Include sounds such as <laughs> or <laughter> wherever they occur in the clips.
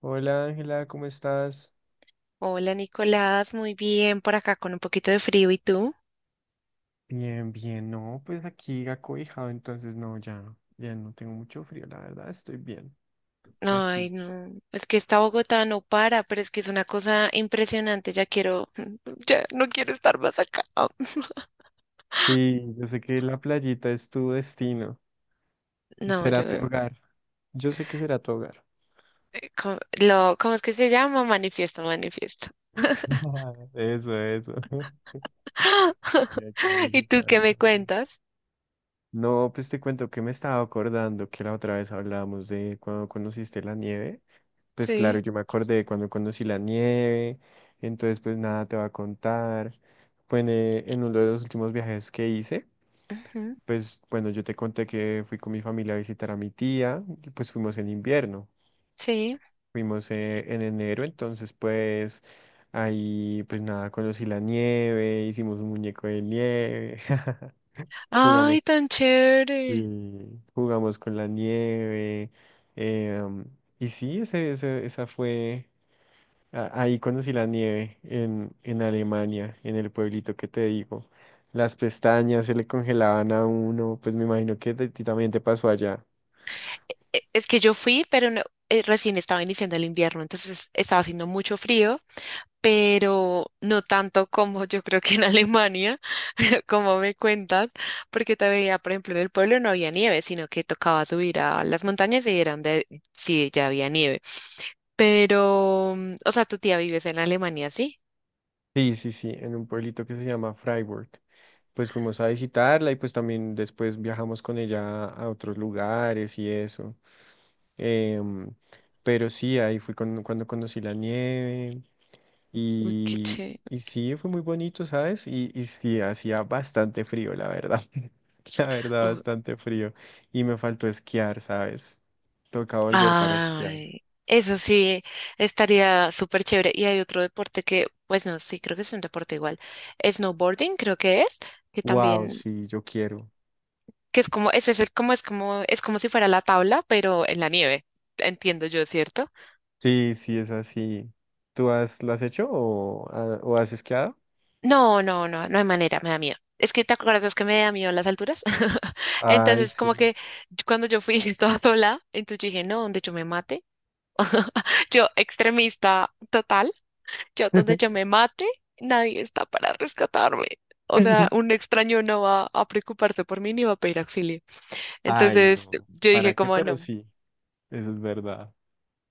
Hola Ángela, ¿cómo estás? Hola Nicolás, muy bien por acá con un poquito de frío. ¿Y tú? Bien, bien, no, pues aquí acobijado, entonces no, ya, ya no tengo mucho frío, la verdad, estoy bien aquí. Ay, no, es que esta Bogotá no para, pero es que es una cosa impresionante. Ya quiero, <laughs> ya no quiero estar más acá. <laughs> Sí, yo sé que la playita es tu destino, No, será yo, tu hogar, yo sé que será tu hogar. ¿Cómo es que se llama? Manifiesto, manifiesto. <laughs> Eso, eso. <laughs> Ya, qué <laughs> ¿Y tú manifestar. qué Qué me bueno. cuentas? No, pues te cuento que me estaba acordando que la otra vez hablábamos de cuando conociste la nieve. Pues claro, Sí, yo me acordé de cuando conocí la nieve, entonces pues nada te va a contar. Bueno, en uno de los últimos viajes que hice, ujú, pues bueno, yo te conté que fui con mi familia a visitar a mi tía, y pues fuimos en invierno, sí. fuimos en enero, entonces pues ahí pues nada, conocí la nieve, hicimos un muñeco de nieve, <laughs> jugamos, Ay, tan chévere. sí, jugamos con la nieve, em, y sí, esa fue... Ahí conocí la nieve en Alemania, en el pueblito que te digo. Las pestañas se le congelaban a uno, pues me imagino que a ti también te pasó allá. Es que yo fui, pero no, recién estaba iniciando el invierno, entonces estaba haciendo mucho frío. Pero no tanto como yo creo que en Alemania, <laughs> como me cuentas, porque te veía, por ejemplo, en el pueblo no había nieve, sino que tocaba subir a las montañas y eran de sí, ya había nieve. Pero, o sea, tu tía vives en Alemania, ¿sí? Sí, sí, sí, en un pueblito que se llama Freiburg. Pues fuimos a visitarla y pues también después viajamos con ella a otros lugares y eso. Em, pero sí, ahí cuando conocí la nieve. Uy, qué chévere. Y sí, fue muy bonito, ¿sabes? Y sí, hacía bastante frío, la verdad. <laughs> La verdad, Uy, bastante frío. Y me faltó esquiar, ¿sabes? Toca volver para esquiar. ay, eso sí, estaría súper chévere. Y hay otro deporte que, pues no, sí, creo que es un deporte igual. Snowboarding, creo que es, que Wow, también sí, yo quiero. que es como, ese es como, es como, es como si fuera la tabla, pero en la nieve. Entiendo yo, ¿cierto? Sí, sí, es así. ¿Tú has, lo has hecho o has esquiado? No, no, no, no hay manera, me da miedo. Es que te acuerdas que me da miedo las alturas. <laughs> Ay, Entonces, sí. como que cuando yo fui <laughs> toda sola, entonces dije, no, donde yo me mate. <laughs> Yo, extremista total, yo donde yo me mate, nadie está para rescatarme. O sea, <laughs> un extraño no va a preocuparse por mí ni va a pedir auxilio. Ay, Entonces, no. yo dije, ¿Para qué? como Pero no. sí, eso es verdad.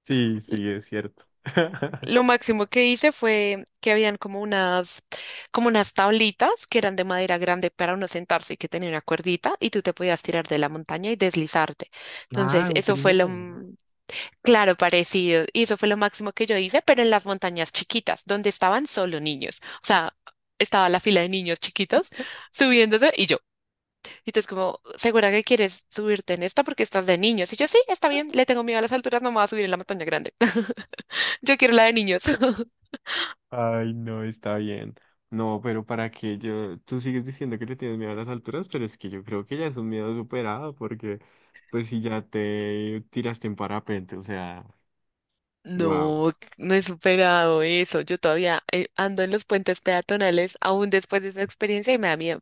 Sí, sí, es cierto. <laughs> Lo máximo que hice fue que habían como unas tablitas que eran de madera grande para uno sentarse y que tenía una cuerdita y tú te podías tirar de la montaña y deslizarte. Ah, Entonces, un eso fue lo, trineo, no. Claro, parecido. Y eso fue lo máximo que yo hice, pero en las montañas chiquitas, donde estaban solo niños. O sea, estaba la fila de niños chiquitos subiéndose y yo. Y tú como, ¿segura que quieres subirte en esta porque estás de niños? Y yo, sí, está bien, le tengo miedo a las alturas, no me voy a subir en la montaña grande. <laughs> Yo quiero la de niños. <laughs> Ay, no, está bien. No, pero para qué yo, tú sigues diciendo que le tienes miedo a las alturas, pero es que yo creo que ya es un miedo superado, porque pues si ya te tiraste en parapente, o sea, wow, No, no he superado eso. Yo todavía ando en los puentes peatonales aún después de esa experiencia y me da miedo.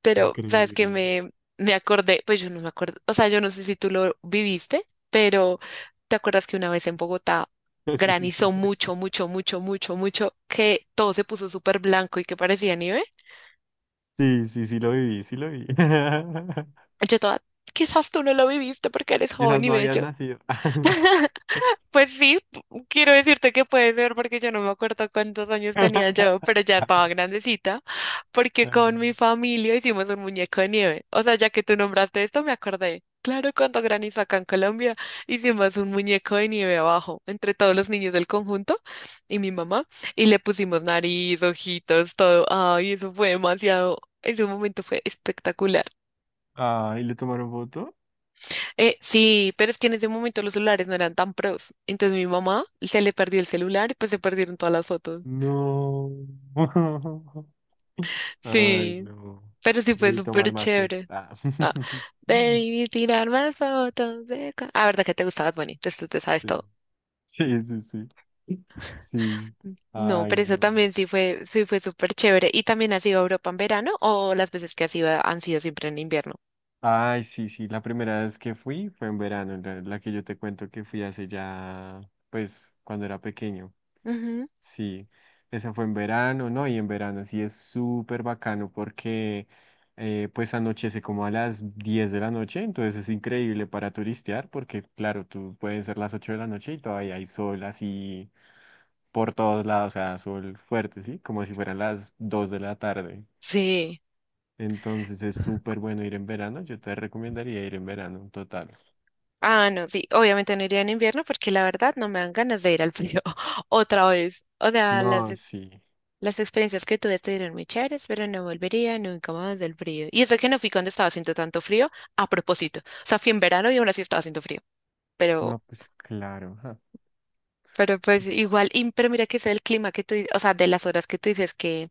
Pero, ¿sabes qué? increíble. Me acordé, pues yo no me acuerdo, o sea, yo no sé si tú lo viviste, pero ¿te acuerdas que una vez en Bogotá <laughs> No sé si te granizó lo- mucho, mucho, mucho, mucho, mucho, que todo se puso súper blanco y que parecía nieve? Sí, sí, sí lo viví, sí lo vi. <laughs> Yo toda, quizás tú no lo viviste porque eres Quizás joven y no habías bello. nacido. <laughs> Pues sí, quiero decirte que puede ser porque yo no me acuerdo cuántos años tenía yo, <laughs> pero ya estaba grandecita, porque con mi familia hicimos un muñeco de nieve. O sea, ya que tú nombraste esto, me acordé. Claro, cuando granizo acá en Colombia, hicimos un muñeco de nieve abajo, entre todos los niños del conjunto y mi mamá, y le pusimos nariz, ojitos, todo. Ay, eso fue demasiado, ese momento fue espectacular. Ah, ¿y le tomaron foto? Sí, pero es que en ese momento los celulares no eran tan pros. Entonces mi mamá se le perdió el celular y pues se perdieron todas las fotos. No. <laughs> Ay, Sí, no. pero sí fue Debí tomar súper más fotos. chévere. Ah. Ah, <laughs> debí tirar más fotos de... Ah, verdad que te gustaba Bunny, entonces tú te sabes Sí, todo. <laughs> sí, sí, sí. Sí. No, Ay, pero eso no. también sí fue súper chévere. ¿Y también has ido a Europa en verano o las veces que has ido han sido siempre en invierno? Ay, sí, sí. La primera vez que fui fue en verano, la que yo te cuento que fui hace ya, pues, cuando era pequeño. Ujú. Sí, esa fue en verano, ¿no? Y en verano sí es súper bacano porque pues anochece como a las 10 de la noche, entonces es increíble para turistear porque claro, tú pueden ser las 8 de la noche y todavía hay sol así por todos lados, o sea, sol fuerte, ¿sí? Como si fueran las 2 de la tarde. Sí. Entonces es súper bueno ir en verano, yo te recomendaría ir en verano, total. Ah, no, sí. Obviamente no iría en invierno porque la verdad no me dan ganas de ir al frío <laughs> otra vez. O sea, No, sí, las experiencias que tuve estuvieron muy chéveres, pero no volvería nunca más del frío. Y eso que no fui cuando estaba haciendo tanto frío, a propósito. O sea, fui en verano y aún así estaba haciendo frío. no, Pero, pues claro. Ajá. pero pues igual, pero mira que es el clima que tú, o sea, de las horas que tú dices que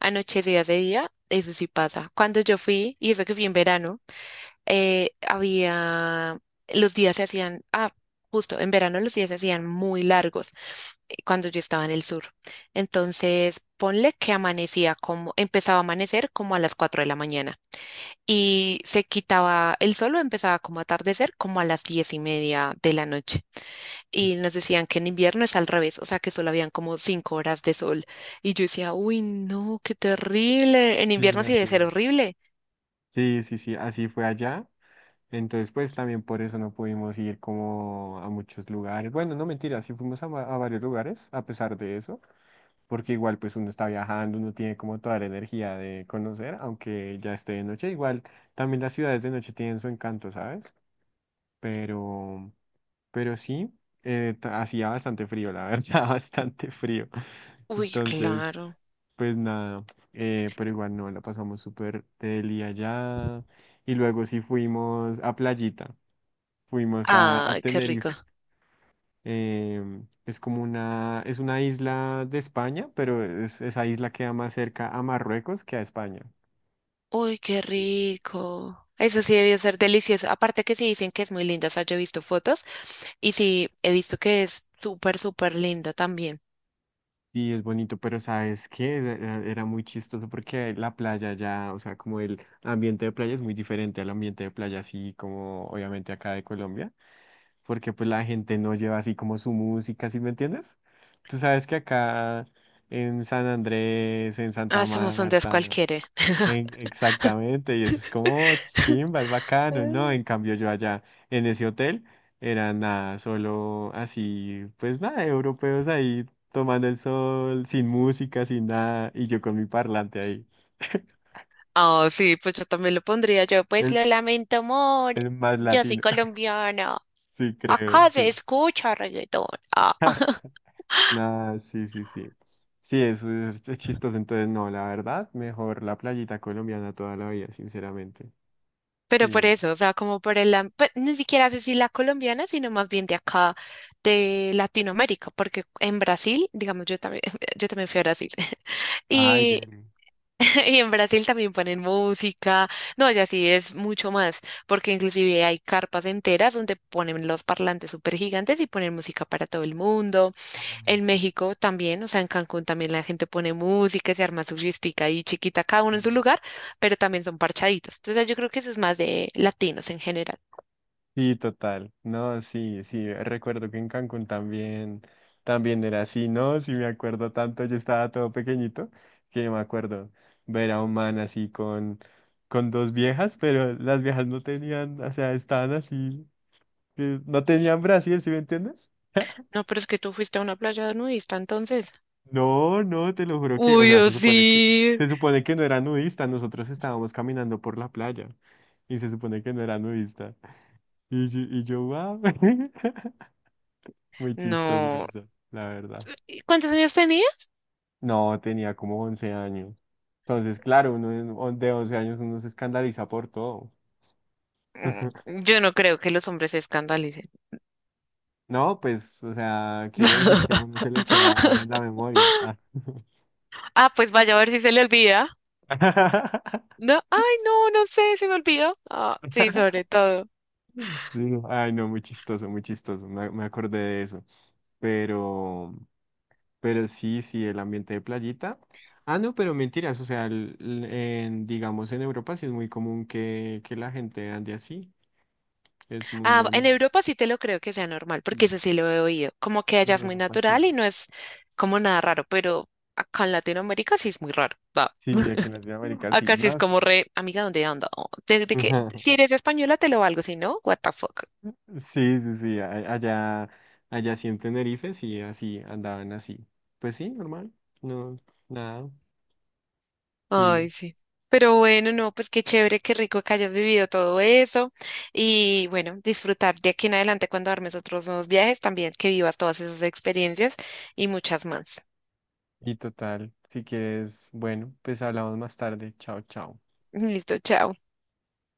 anochecía de día, eso sí pasa. Cuando yo fui, y eso que fui en verano, había, los días se hacían, justo, en verano los días se hacían muy largos cuando yo estaba en el sur. Entonces, ponle que amanecía como, empezaba a amanecer como a las 4 de la mañana y se quitaba el sol o empezaba como a atardecer como a las 10:30 de la noche. Y nos decían que en invierno es al revés, o sea que solo habían como 5 horas de sol. Y yo decía, uy, no, qué terrible. En Sí, invierno sí así debe ser es. horrible. Sí, sí, sí, así fue allá. Entonces, pues también por eso no pudimos ir como a muchos lugares. Bueno, no mentira, sí fuimos a, a varios lugares a pesar de eso, porque igual pues uno está viajando, uno tiene como toda la energía de conocer, aunque ya esté de noche. Igual también las ciudades de noche tienen su encanto, ¿sabes? Pero, pero sí, hacía bastante frío, la verdad, <laughs> bastante frío. Uy, Entonces, claro. pues nada, pero igual no, la pasamos súper deli allá. Y luego sí fuimos a Playita. Fuimos a Ah, qué rico. Tenerife. Es como una, es una isla de España, pero esa isla queda más cerca a Marruecos que a España. Uy, qué rico. Eso sí debió ser delicioso. Aparte que sí dicen que es muy linda. O sea, yo he visto fotos y sí he visto que es súper, súper linda también. Sí es bonito, pero ¿sabes qué? Era, era muy chistoso porque la playa ya, o sea, como el ambiente de playa es muy diferente al ambiente de playa así como obviamente acá de Colombia, porque pues la gente no lleva así como su música, ¿sí me entiendes? Tú sabes que acá en San Andrés, en Santa Ah, somos un dos Marta, cualquiera. Exactamente, y eso es como chimba, es bacano, ¿no? En <laughs> cambio yo allá en ese hotel era nada, solo así, pues nada, europeos ahí tomando el sol, sin música, sin nada, y yo con mi parlante ahí, Oh, sí, pues yo también lo pondría yo. Pues el, lo lamento, amor. el más Yo soy latino, <laughs> colombiana. sí creo, Acá se sí. escucha reggaetón. Ah. <laughs> Nada, sí, sí, sí. Sí, eso es chistoso, entonces no, la verdad, mejor la playita colombiana toda la vida, sinceramente. Pero por Sí. eso, o sea, como por el, pues, ni siquiera sé si la colombiana, sino más bien de acá, de Latinoamérica, porque en Brasil, digamos, yo también, <laughs> yo también fui a Brasil, <laughs> Ay, y, deli. <laughs> y en Brasil también ponen música, no, ya sí es mucho más, porque inclusive hay carpas enteras donde ponen los parlantes súper gigantes y ponen música para todo el mundo. Ay, En qué México también, o sea, en Cancún también la gente pone música, se arma su fiestica y chiquita, cada uno en chido. su lugar, pero también son parchaditos. Entonces yo creo que eso es más de latinos en general. Sí, total. No, sí, sí. Recuerdo que en Cancún también, también era así, ¿no? Sí, me acuerdo tanto. Yo estaba todo pequeñito que me acuerdo ver a un man así con dos viejas, pero las viejas no tenían, o sea, estaban así, no tenían Brasil, ¿sí me entiendes? <laughs> No, pero es que tú fuiste a una playa nudista entonces. No, no, te lo juro que, o Uy, sea, yo sí. se supone que no era nudista, nosotros estábamos caminando por la playa y se supone que no era nudista. Y yo, wow. <laughs> Muy chistoso No. eso, la verdad. ¿Y cuántos años tenía? No, tenía como 11 años. Entonces, claro, uno de 11 años uno se escandaliza por todo. <laughs> Yo no creo que los hombres se escandalicen. No, pues, o sea, quiero decir que a uno se le queda en la <laughs> memoria. Ah. Ah, pues vaya a ver si se le olvida. <laughs> No, ay, no, no sé, se me olvidó. Ah, sí, sobre todo. Sí, no, ay, no, muy chistoso, muy chistoso. Me acordé de eso. Pero, pero sí, sí, el ambiente de playita. Ah, no, pero mentiras, o sea, digamos en Europa sí es muy común que la gente ande así. Es muy Ah, en normal. Europa sí te lo creo que sea normal, Y porque eso sí lo he oído. Como que en allá es muy Europa sí. natural y no es como nada raro, pero acá en Latinoamérica sí es muy raro. Va. Sí, aquí en <laughs> Latinoamérica sí. Acá sí es No, sí, como re, amiga, ¿dónde anda? Desde que, si <laughs> eres española te lo valgo, si no, what the fuck. sí, sí, sí. Allá, allá sí en Tenerife sí, así andaban así. Pues sí, normal. No, nada. Y, Ay, sí. Pero bueno, no, pues qué chévere, qué rico que hayas vivido todo eso. Y bueno, disfrutar de aquí en adelante cuando armes otros nuevos viajes, también que vivas todas esas experiencias y muchas más. y total. Si quieres, bueno, pues hablamos más tarde. Chao, chao. Listo, chao.